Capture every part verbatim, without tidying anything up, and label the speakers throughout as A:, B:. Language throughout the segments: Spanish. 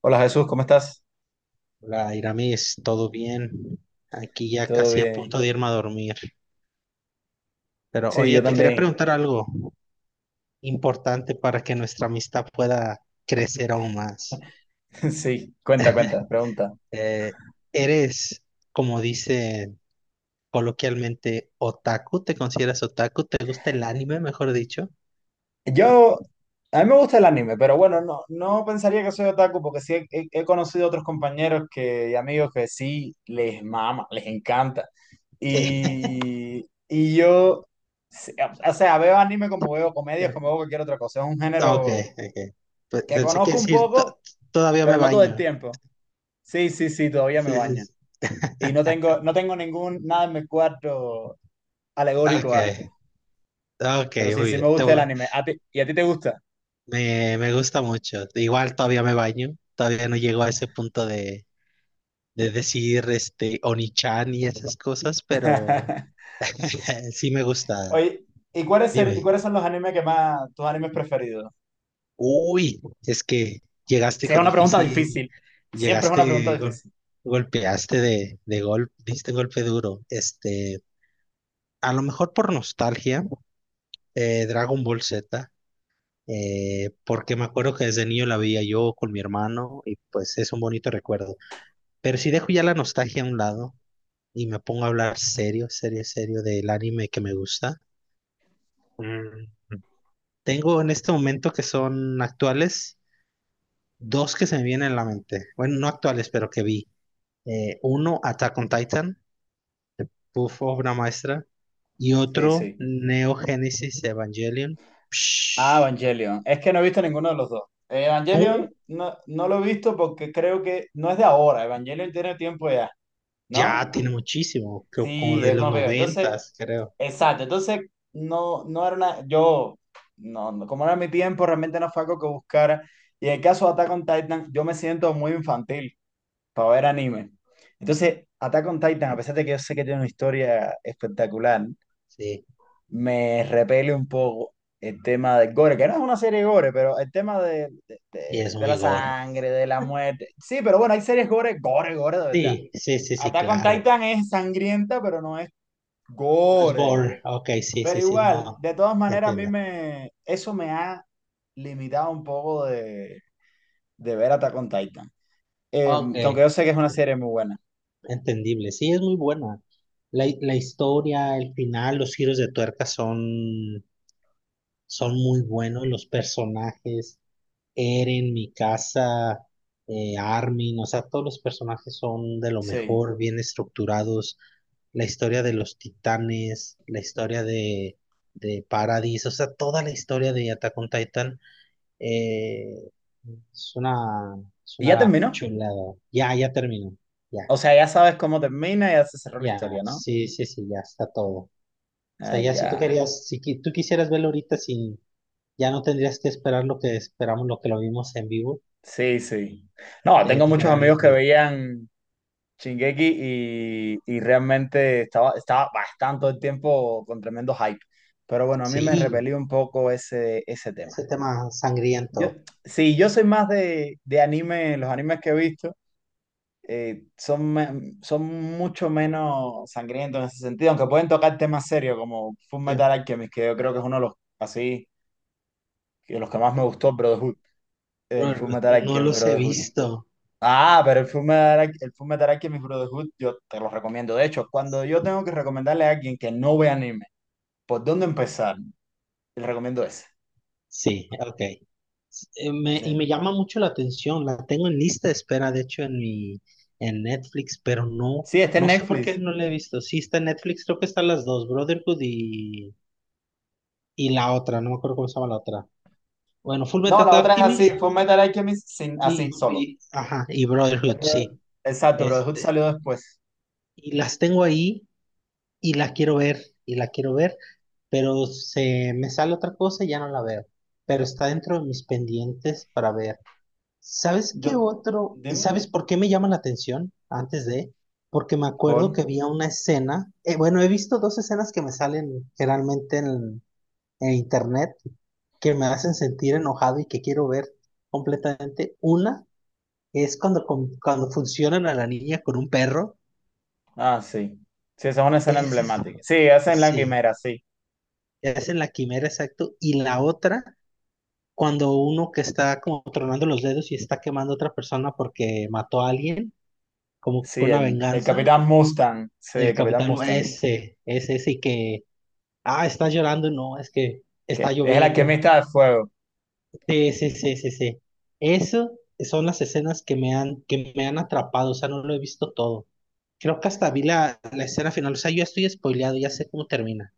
A: Hola Jesús, ¿cómo estás?
B: Hola Iramis, todo bien. Aquí ya
A: ¿Todo
B: casi a punto
A: bien?
B: de irme a dormir. Pero
A: Sí,
B: oye,
A: yo
B: te quería
A: también.
B: preguntar algo importante para que nuestra amistad pueda crecer aún más.
A: Sí, cuenta, cuenta, pregunta.
B: Eh, ¿eres, como dicen coloquialmente, otaku? ¿Te consideras otaku? ¿Te gusta el anime, mejor dicho?
A: Yo, a mí me gusta el anime, pero bueno, no, no pensaría que soy otaku porque sí he, he- he conocido otros compañeros que, y amigos que sí les mama, les encanta.
B: Sí.
A: Y, y yo, sí, o o sea, veo anime como veo comedias, como veo cualquier otra cosa. Es un
B: Ok,
A: género
B: ok. Pues
A: que
B: pensé que
A: conozco un
B: decir, "To-
A: poco,
B: todavía me
A: pero no todo el
B: baño."
A: tiempo. Sí, sí, sí, todavía me
B: Sí, sí,
A: baña.
B: sí.
A: Y no tengo, no tengo ningún, nada en mi cuarto alegórico
B: Ok,
A: a.
B: ok,
A: Pero sí,
B: muy
A: sí me
B: bien. Te
A: gusta el
B: voy.
A: anime. ¿A ti- ¿Y a ti te gusta?
B: Me, me gusta mucho. Igual todavía me baño. Todavía no llego a ese punto de, de, decir este Onichan y esas cosas, pero sí me gusta.
A: Oye, ¿y cuáles, ser- ¿y
B: Dime.
A: cuáles son los animes que más, tus animes preferidos?
B: Uy, es que llegaste
A: Sí, es
B: con
A: una pregunta
B: difícil,
A: difícil. Siempre es una pregunta
B: llegaste, gol-
A: difícil.
B: golpeaste de, de golpe, diste golpe duro. Este, a lo mejor por nostalgia, eh, Dragon Ball Z. Eh, porque me acuerdo que desde niño la veía yo con mi hermano y pues es un bonito recuerdo. Pero si dejo ya la nostalgia a un lado y me pongo a hablar serio, serio, serio del anime que me gusta, mm, tengo en este momento que son actuales dos que se me vienen a la mente. Bueno, no actuales, pero que vi. Eh, uno, Attack on Titan, uf, obra maestra. Y
A: Sí,
B: otro,
A: sí.
B: Neo Genesis Evangelion.
A: Ah,
B: Psh,
A: Evangelion. Es que no he visto ninguno de los dos. Eh,
B: no,
A: Evangelion no, no lo he visto porque creo que no es de ahora. Evangelion tiene tiempo ya, ¿no?
B: ya tiene muchísimo, creo como
A: Sí,
B: de
A: es
B: los
A: más viejo. Entonces,
B: noventas, creo.
A: exacto, entonces no, no era una, yo, no, no, como era mi tiempo, realmente no fue algo que buscara. Y en el caso de Attack on Titan, yo me siento muy infantil para ver anime. Entonces, Attack on Titan, a pesar de que yo sé que tiene una historia espectacular,
B: Sí,
A: me repele un poco el tema del gore, que no es una serie gore, pero el tema de, de,
B: sí,
A: de-
B: es
A: de la
B: muy gore.
A: sangre, de la muerte. Sí, pero bueno, hay series gore, gore, gore, de verdad.
B: Sí, sí, sí, sí,
A: Attack on
B: claro.
A: Titan es sangrienta, pero no es
B: No es
A: gore.
B: gore. Ok, sí,
A: Pero
B: sí, sí,
A: igual,
B: no.
A: de todas
B: Te
A: maneras, a mí
B: entiendo.
A: me, eso me ha limitado un poco de, de ver Attack on Titan. Eh,
B: Ok,
A: que aunque yo sé que es una serie muy buena.
B: entendible. Sí, es muy buena. La, la historia, el final, los giros de tuerca son, son muy buenos. Los personajes, Eren, Mikasa, eh, Armin, o sea, todos los personajes son de lo
A: Sí.
B: mejor, bien estructurados. La historia de los titanes, la historia de, de Paradis, o sea, toda la historia de Attack on Titan. Eh, es una, es
A: Y ya
B: una
A: terminó.
B: chulada. Ya, ya terminó. Ya,
A: O sea, ya sabes cómo termina, ya se cerró la
B: ya.
A: historia, ¿no?
B: Sí, sí, sí, ya está todo. O sea,
A: Ah,
B: ya si tú
A: ya.
B: querías, si qui- tú quisieras verlo ahorita, sin, ya no tendrías que esperar lo que esperamos, lo que lo vimos en vivo.
A: Sí, sí. No,
B: Te
A: tengo muchos
B: tocaría verlo.
A: amigos que
B: pero-
A: veían Shingeki y, y realmente estaba, estaba bastante el tiempo con tremendo hype. Pero bueno, a mí me
B: Sí,
A: repelió un poco ese, ese tema.
B: ese tema
A: Yo,
B: sangriento.
A: sí, yo soy más de, de anime, los animes que he visto eh, son, me- son mucho menos sangrientos en ese sentido, aunque pueden tocar temas serios como Fullmetal
B: Sí.
A: Alchemist, que yo creo que es uno de los, así, de los que más me gustó, Brotherhood, el
B: Bro,
A: Fullmetal
B: no
A: Alchemist
B: los he
A: Brotherhood.
B: visto.
A: Ah, pero el Fullmetal, Al- el Fullmetal Alchemist Brotherhood yo te lo recomiendo. De hecho, cuando yo tengo que recomendarle a alguien que no ve anime, ¿por dónde empezar? Le recomiendo ese.
B: Sí, ok. eh, me, y
A: Ese-
B: me llama mucho la atención, la tengo en lista de espera, de hecho, en mi, en Netflix, pero no,
A: Sí, está en
B: no sé por qué
A: Netflix.
B: no la he visto. Sí, está en Netflix, creo que están las dos, Brotherhood y, y la otra, no me acuerdo cómo se llama la otra. Bueno, Full
A: No,
B: Metal
A: la otra es así,
B: Alchemist
A: Fullmetal Alchemist sin,
B: y,
A: así, solo.
B: y, ajá, y Brotherhood, sí.
A: Pero- Exacto, pero Hood
B: Este,
A: salió después.
B: y las tengo ahí y la quiero ver, y la quiero ver, pero se me sale otra cosa y ya no la veo. Pero está dentro de mis pendientes para ver. ¿Sabes
A: Yo,
B: qué otro? ¿Y
A: dime.
B: sabes por qué me llama la atención antes de? Porque me acuerdo
A: Por...
B: que había una escena, eh, bueno, he visto dos escenas que me salen generalmente en, en internet que me hacen sentir enojado y que quiero ver completamente. Una es cuando, con- cuando funcionan a la niña con un perro.
A: Ah, sí. Sí, esa es una escena
B: Es, es-
A: emblemática. Sí, esa en la
B: sí,
A: quimera, sí.
B: es en la quimera, exacto. Y la otra, cuando uno que está como tronando los dedos y está quemando a otra persona porque mató a alguien, como
A: Sí,
B: con una
A: el, el
B: venganza.
A: Capitán Mustang. Sí, el
B: El
A: Capitán
B: capitán,
A: Mustang.
B: ese, ese sí que, ah, está llorando, no, es que
A: Que
B: está
A: es el
B: lloviendo.
A: alquimista de fuego.
B: Sí, sí, sí, sí, sí. Eso son las escenas que me han, que me han atrapado, o sea, no lo he visto todo. Creo que hasta vi la, la escena final, o sea, yo ya estoy spoileado, ya sé cómo termina.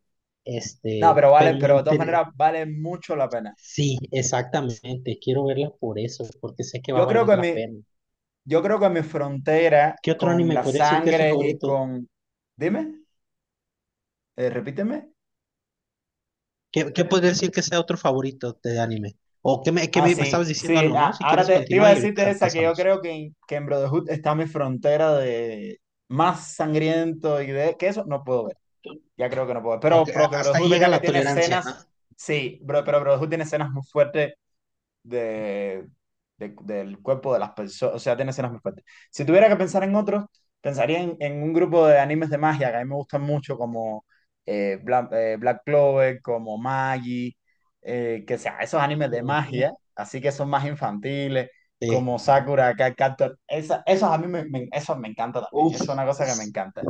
A: No,
B: Este,
A: pero vale,
B: pero me
A: pero de todas
B: interesa,
A: maneras vale mucho la pena.
B: sí, exactamente, quiero verla por eso, porque sé que va a
A: Yo creo
B: valer
A: que
B: la
A: mi,
B: pena.
A: yo creo que mi frontera
B: ¿Qué otro
A: con
B: anime
A: la
B: podría decir que es su
A: sangre y
B: favorito?
A: con. Dime, eh, repíteme.
B: ¿Qué, qué podría decir que sea otro favorito de anime? O que me, que
A: Ah,
B: me, me estabas
A: sí,
B: diciendo
A: sí,
B: algo, ¿no?
A: la-
B: Si
A: ahora
B: quieres
A: te, te iba
B: continúa
A: a
B: y
A: decir de
B: ahorita
A: esa que yo
B: pasamos.
A: creo que, en- que en Brotherhood está mi frontera de más sangriento y de que eso no puedo ver, ya creo que no puedo ver, pero,
B: Ok,
A: pero
B: a-
A: que
B: hasta
A: Brotherhood
B: ahí
A: es
B: llega
A: verdad que
B: la
A: tiene
B: tolerancia, ¿no?
A: escenas, sí, bro, pero Brotherhood tiene escenas muy fuertes de, de- del cuerpo de las personas, o sea, tiene escenas muy fuertes. Si tuviera que pensar en otros, pensaría en, en un grupo de animes de magia que a mí me gustan mucho, como eh, Bla- eh, Black Clover, como Magi, eh, que sea, esos animes de magia,
B: Ujú.
A: así que son más infantiles, como
B: Sí.
A: Sakura, Card Captor, esa- esos a mí me, me, esos me encanta también,
B: Uf,
A: eso es una cosa que me
B: s-
A: encanta.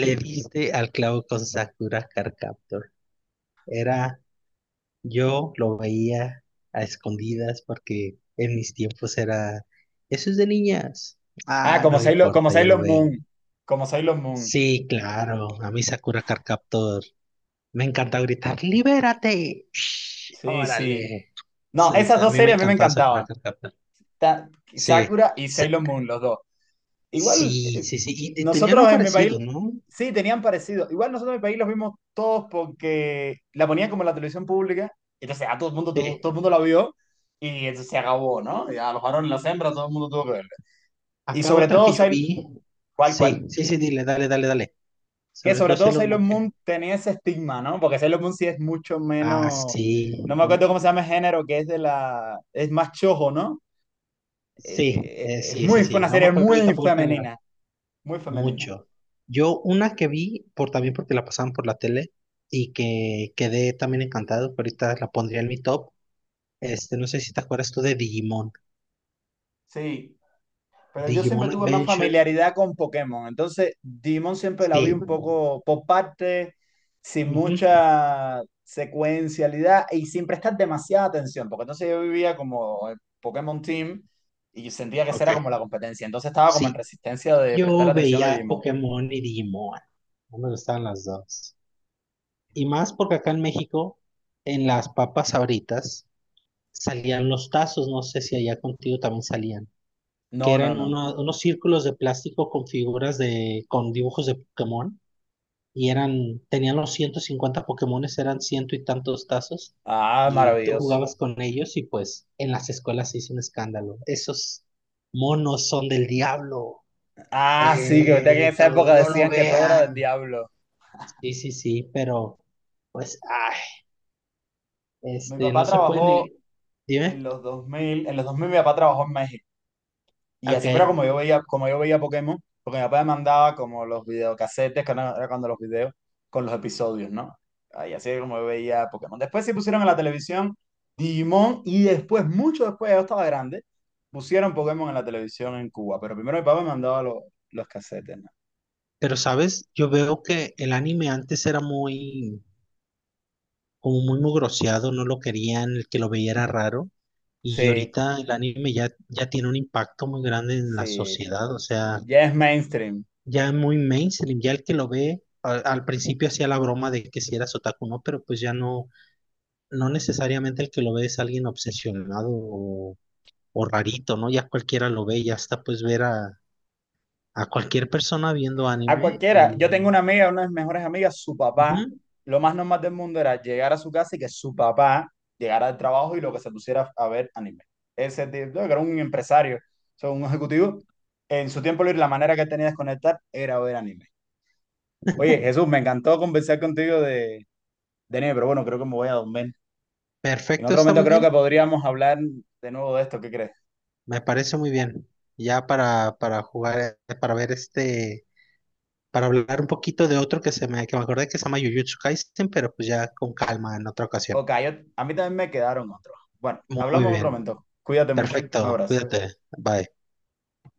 B: le diste al clavo con Sakura Card Captor. Era, yo lo veía a escondidas porque en mis tiempos era, eso es de niñas.
A: Ah,
B: Ah,
A: como
B: no
A: Sailor, como
B: importa, ya lo
A: Sailor
B: veo.
A: Moon, como Sailor Moon,
B: Sí, claro, a mí Sakura Card Captor me encanta gritar, ¡libérate! Shh,
A: sí, sí.
B: ¡Órale!
A: No,
B: Se-
A: esas
B: se- A
A: dos
B: mí me
A: series a mí me
B: encantaba Sakura
A: encantaban.
B: Card Captor.
A: Ta-
B: Sí.
A: Sakura y
B: Sa-
A: Sailor Moon, los dos. Igual,
B: Sí,
A: eh,
B: sí, sí. Y, y tenían un
A: nosotros en mi
B: parecido,
A: país,
B: ¿no?
A: sí, tenían parecido. Igual nosotros en mi país los vimos todos porque la ponían como en la televisión pública. Entonces a todo el mundo, tuvo- todo el
B: Sí.
A: mundo la vio y entonces se acabó, ¿no? Y a los varones, las hembras, todo el mundo tuvo que verla. Y
B: Acá
A: sobre
B: otra
A: todo,
B: que yo
A: Sailor,
B: vi.
A: ¿cuál, cuál?
B: Sí, sí, sí, dile, dale, dale, dale.
A: Que
B: Sobre
A: sobre
B: todo
A: todo
B: Sailor
A: Sailor
B: Moon. ¿Qué?
A: Moon tenía ese estigma, ¿no? Porque Sailor Moon sí es mucho
B: Ah,
A: menos,
B: sí.
A: no me acuerdo cómo se llama el género, que es de la, es más chojo, ¿no? Es,
B: Sí,
A: es,
B: eh,
A: es
B: sí, sí,
A: muy, fue
B: sí.
A: una
B: No me
A: serie
B: acuerdo yo
A: muy
B: tampoco el género.
A: femenina. Muy femenina.
B: Mucho. Yo una que vi, por, también porque la pasaban por la tele y que quedé también encantado, que ahorita la pondría en mi top. Este, no sé si te acuerdas tú de Digimon.
A: Sí, pero yo siempre
B: Digimon
A: tuve más
B: Adventure.
A: familiaridad con Pokémon. Entonces, Digimon siempre la vi
B: Sí.
A: un poco por parte, sin
B: Ujú.
A: mucha secuencialidad y sin prestar demasiada atención, porque entonces yo vivía como el Pokémon Team y sentía que esa
B: Ok.
A: era como la competencia. Entonces estaba como en
B: Sí.
A: resistencia de prestarle
B: Yo
A: atención a
B: veía
A: Digimon.
B: Pokémon y Digimon. No me gustaban las dos. Y más porque acá en México, en las papas Sabritas, salían los tazos. No sé si allá contigo también salían. Que
A: No, no,
B: eran
A: no.
B: una- unos círculos de plástico con figuras de, con dibujos de Pokémon. Y eran, tenían los ciento cincuenta Pokémones, eran ciento y tantos tazos,
A: Ah,
B: y tú
A: maravilloso.
B: jugabas con ellos y pues en las escuelas se hizo un escándalo. Esos monos son del diablo,
A: Ah, sí, que verdad que en
B: eh,
A: esa
B: todo,
A: época
B: no lo
A: decían que todo era del
B: vean.
A: diablo.
B: Sí, sí, sí, pero pues, ay,
A: Mi
B: este, no
A: papá
B: se puede
A: trabajó
B: ni... Dime,
A: en los dos mil en los dos mil mi papá trabajó en México. Y
B: ok,
A: así fuera como yo veía, como yo veía Pokémon, porque mi papá me mandaba como los videocasetes, que no era cuando los videos, con los episodios, ¿no? Y así era como yo veía Pokémon. Después sí pusieron en la televisión Digimon y después, mucho después, yo estaba grande, pusieron Pokémon en la televisión en Cuba, pero primero mi papá me mandaba los, los casetes, ¿no?
B: pero sabes, yo veo que el anime antes era muy como muy mugroseado, no lo querían, el que lo veía era raro. Y
A: Sí,
B: ahorita el anime ya, ya tiene un impacto muy grande en la
A: sí,
B: sociedad, o sea,
A: ya es mainstream.
B: ya es muy mainstream, ya el que lo ve, a- al principio hacía la broma de que si eras otaku o no, pero pues ya no, no necesariamente el que lo ve es alguien obsesionado o, o rarito, ¿no? Ya cualquiera lo ve, ya hasta pues ver a, a cualquier persona viendo
A: A
B: anime
A: cualquiera. Yo
B: y...
A: tengo una amiga, una de mis mejores amigas, su papá,
B: Ujú.
A: lo más normal del mundo era llegar a su casa y que su papá llegara al trabajo y lo que se pusiera a ver anime. Ese tipo, que era un empresario, o sea, un ejecutivo, en su tiempo libre la manera que tenía de desconectar era ver anime. Oye, Jesús, me encantó conversar contigo de, de anime, pero bueno, creo que me voy a dormir. En
B: Perfecto,
A: otro
B: está
A: momento
B: muy
A: creo que
B: bien.
A: podríamos hablar de nuevo de esto, ¿qué crees?
B: Me parece muy bien. Ya para, para, jugar, eh, para ver este, para hablar un poquito de otro que se me, que me acordé que se llama Jujutsu Kaisen, pero pues ya con calma en otra ocasión.
A: Ok, yo- a mí también me quedaron otros. Bueno,
B: Muy
A: hablamos en otro
B: bien.
A: momento. Cuídate mucho. Un
B: Perfecto.
A: abrazo.
B: Cuídate. Bye.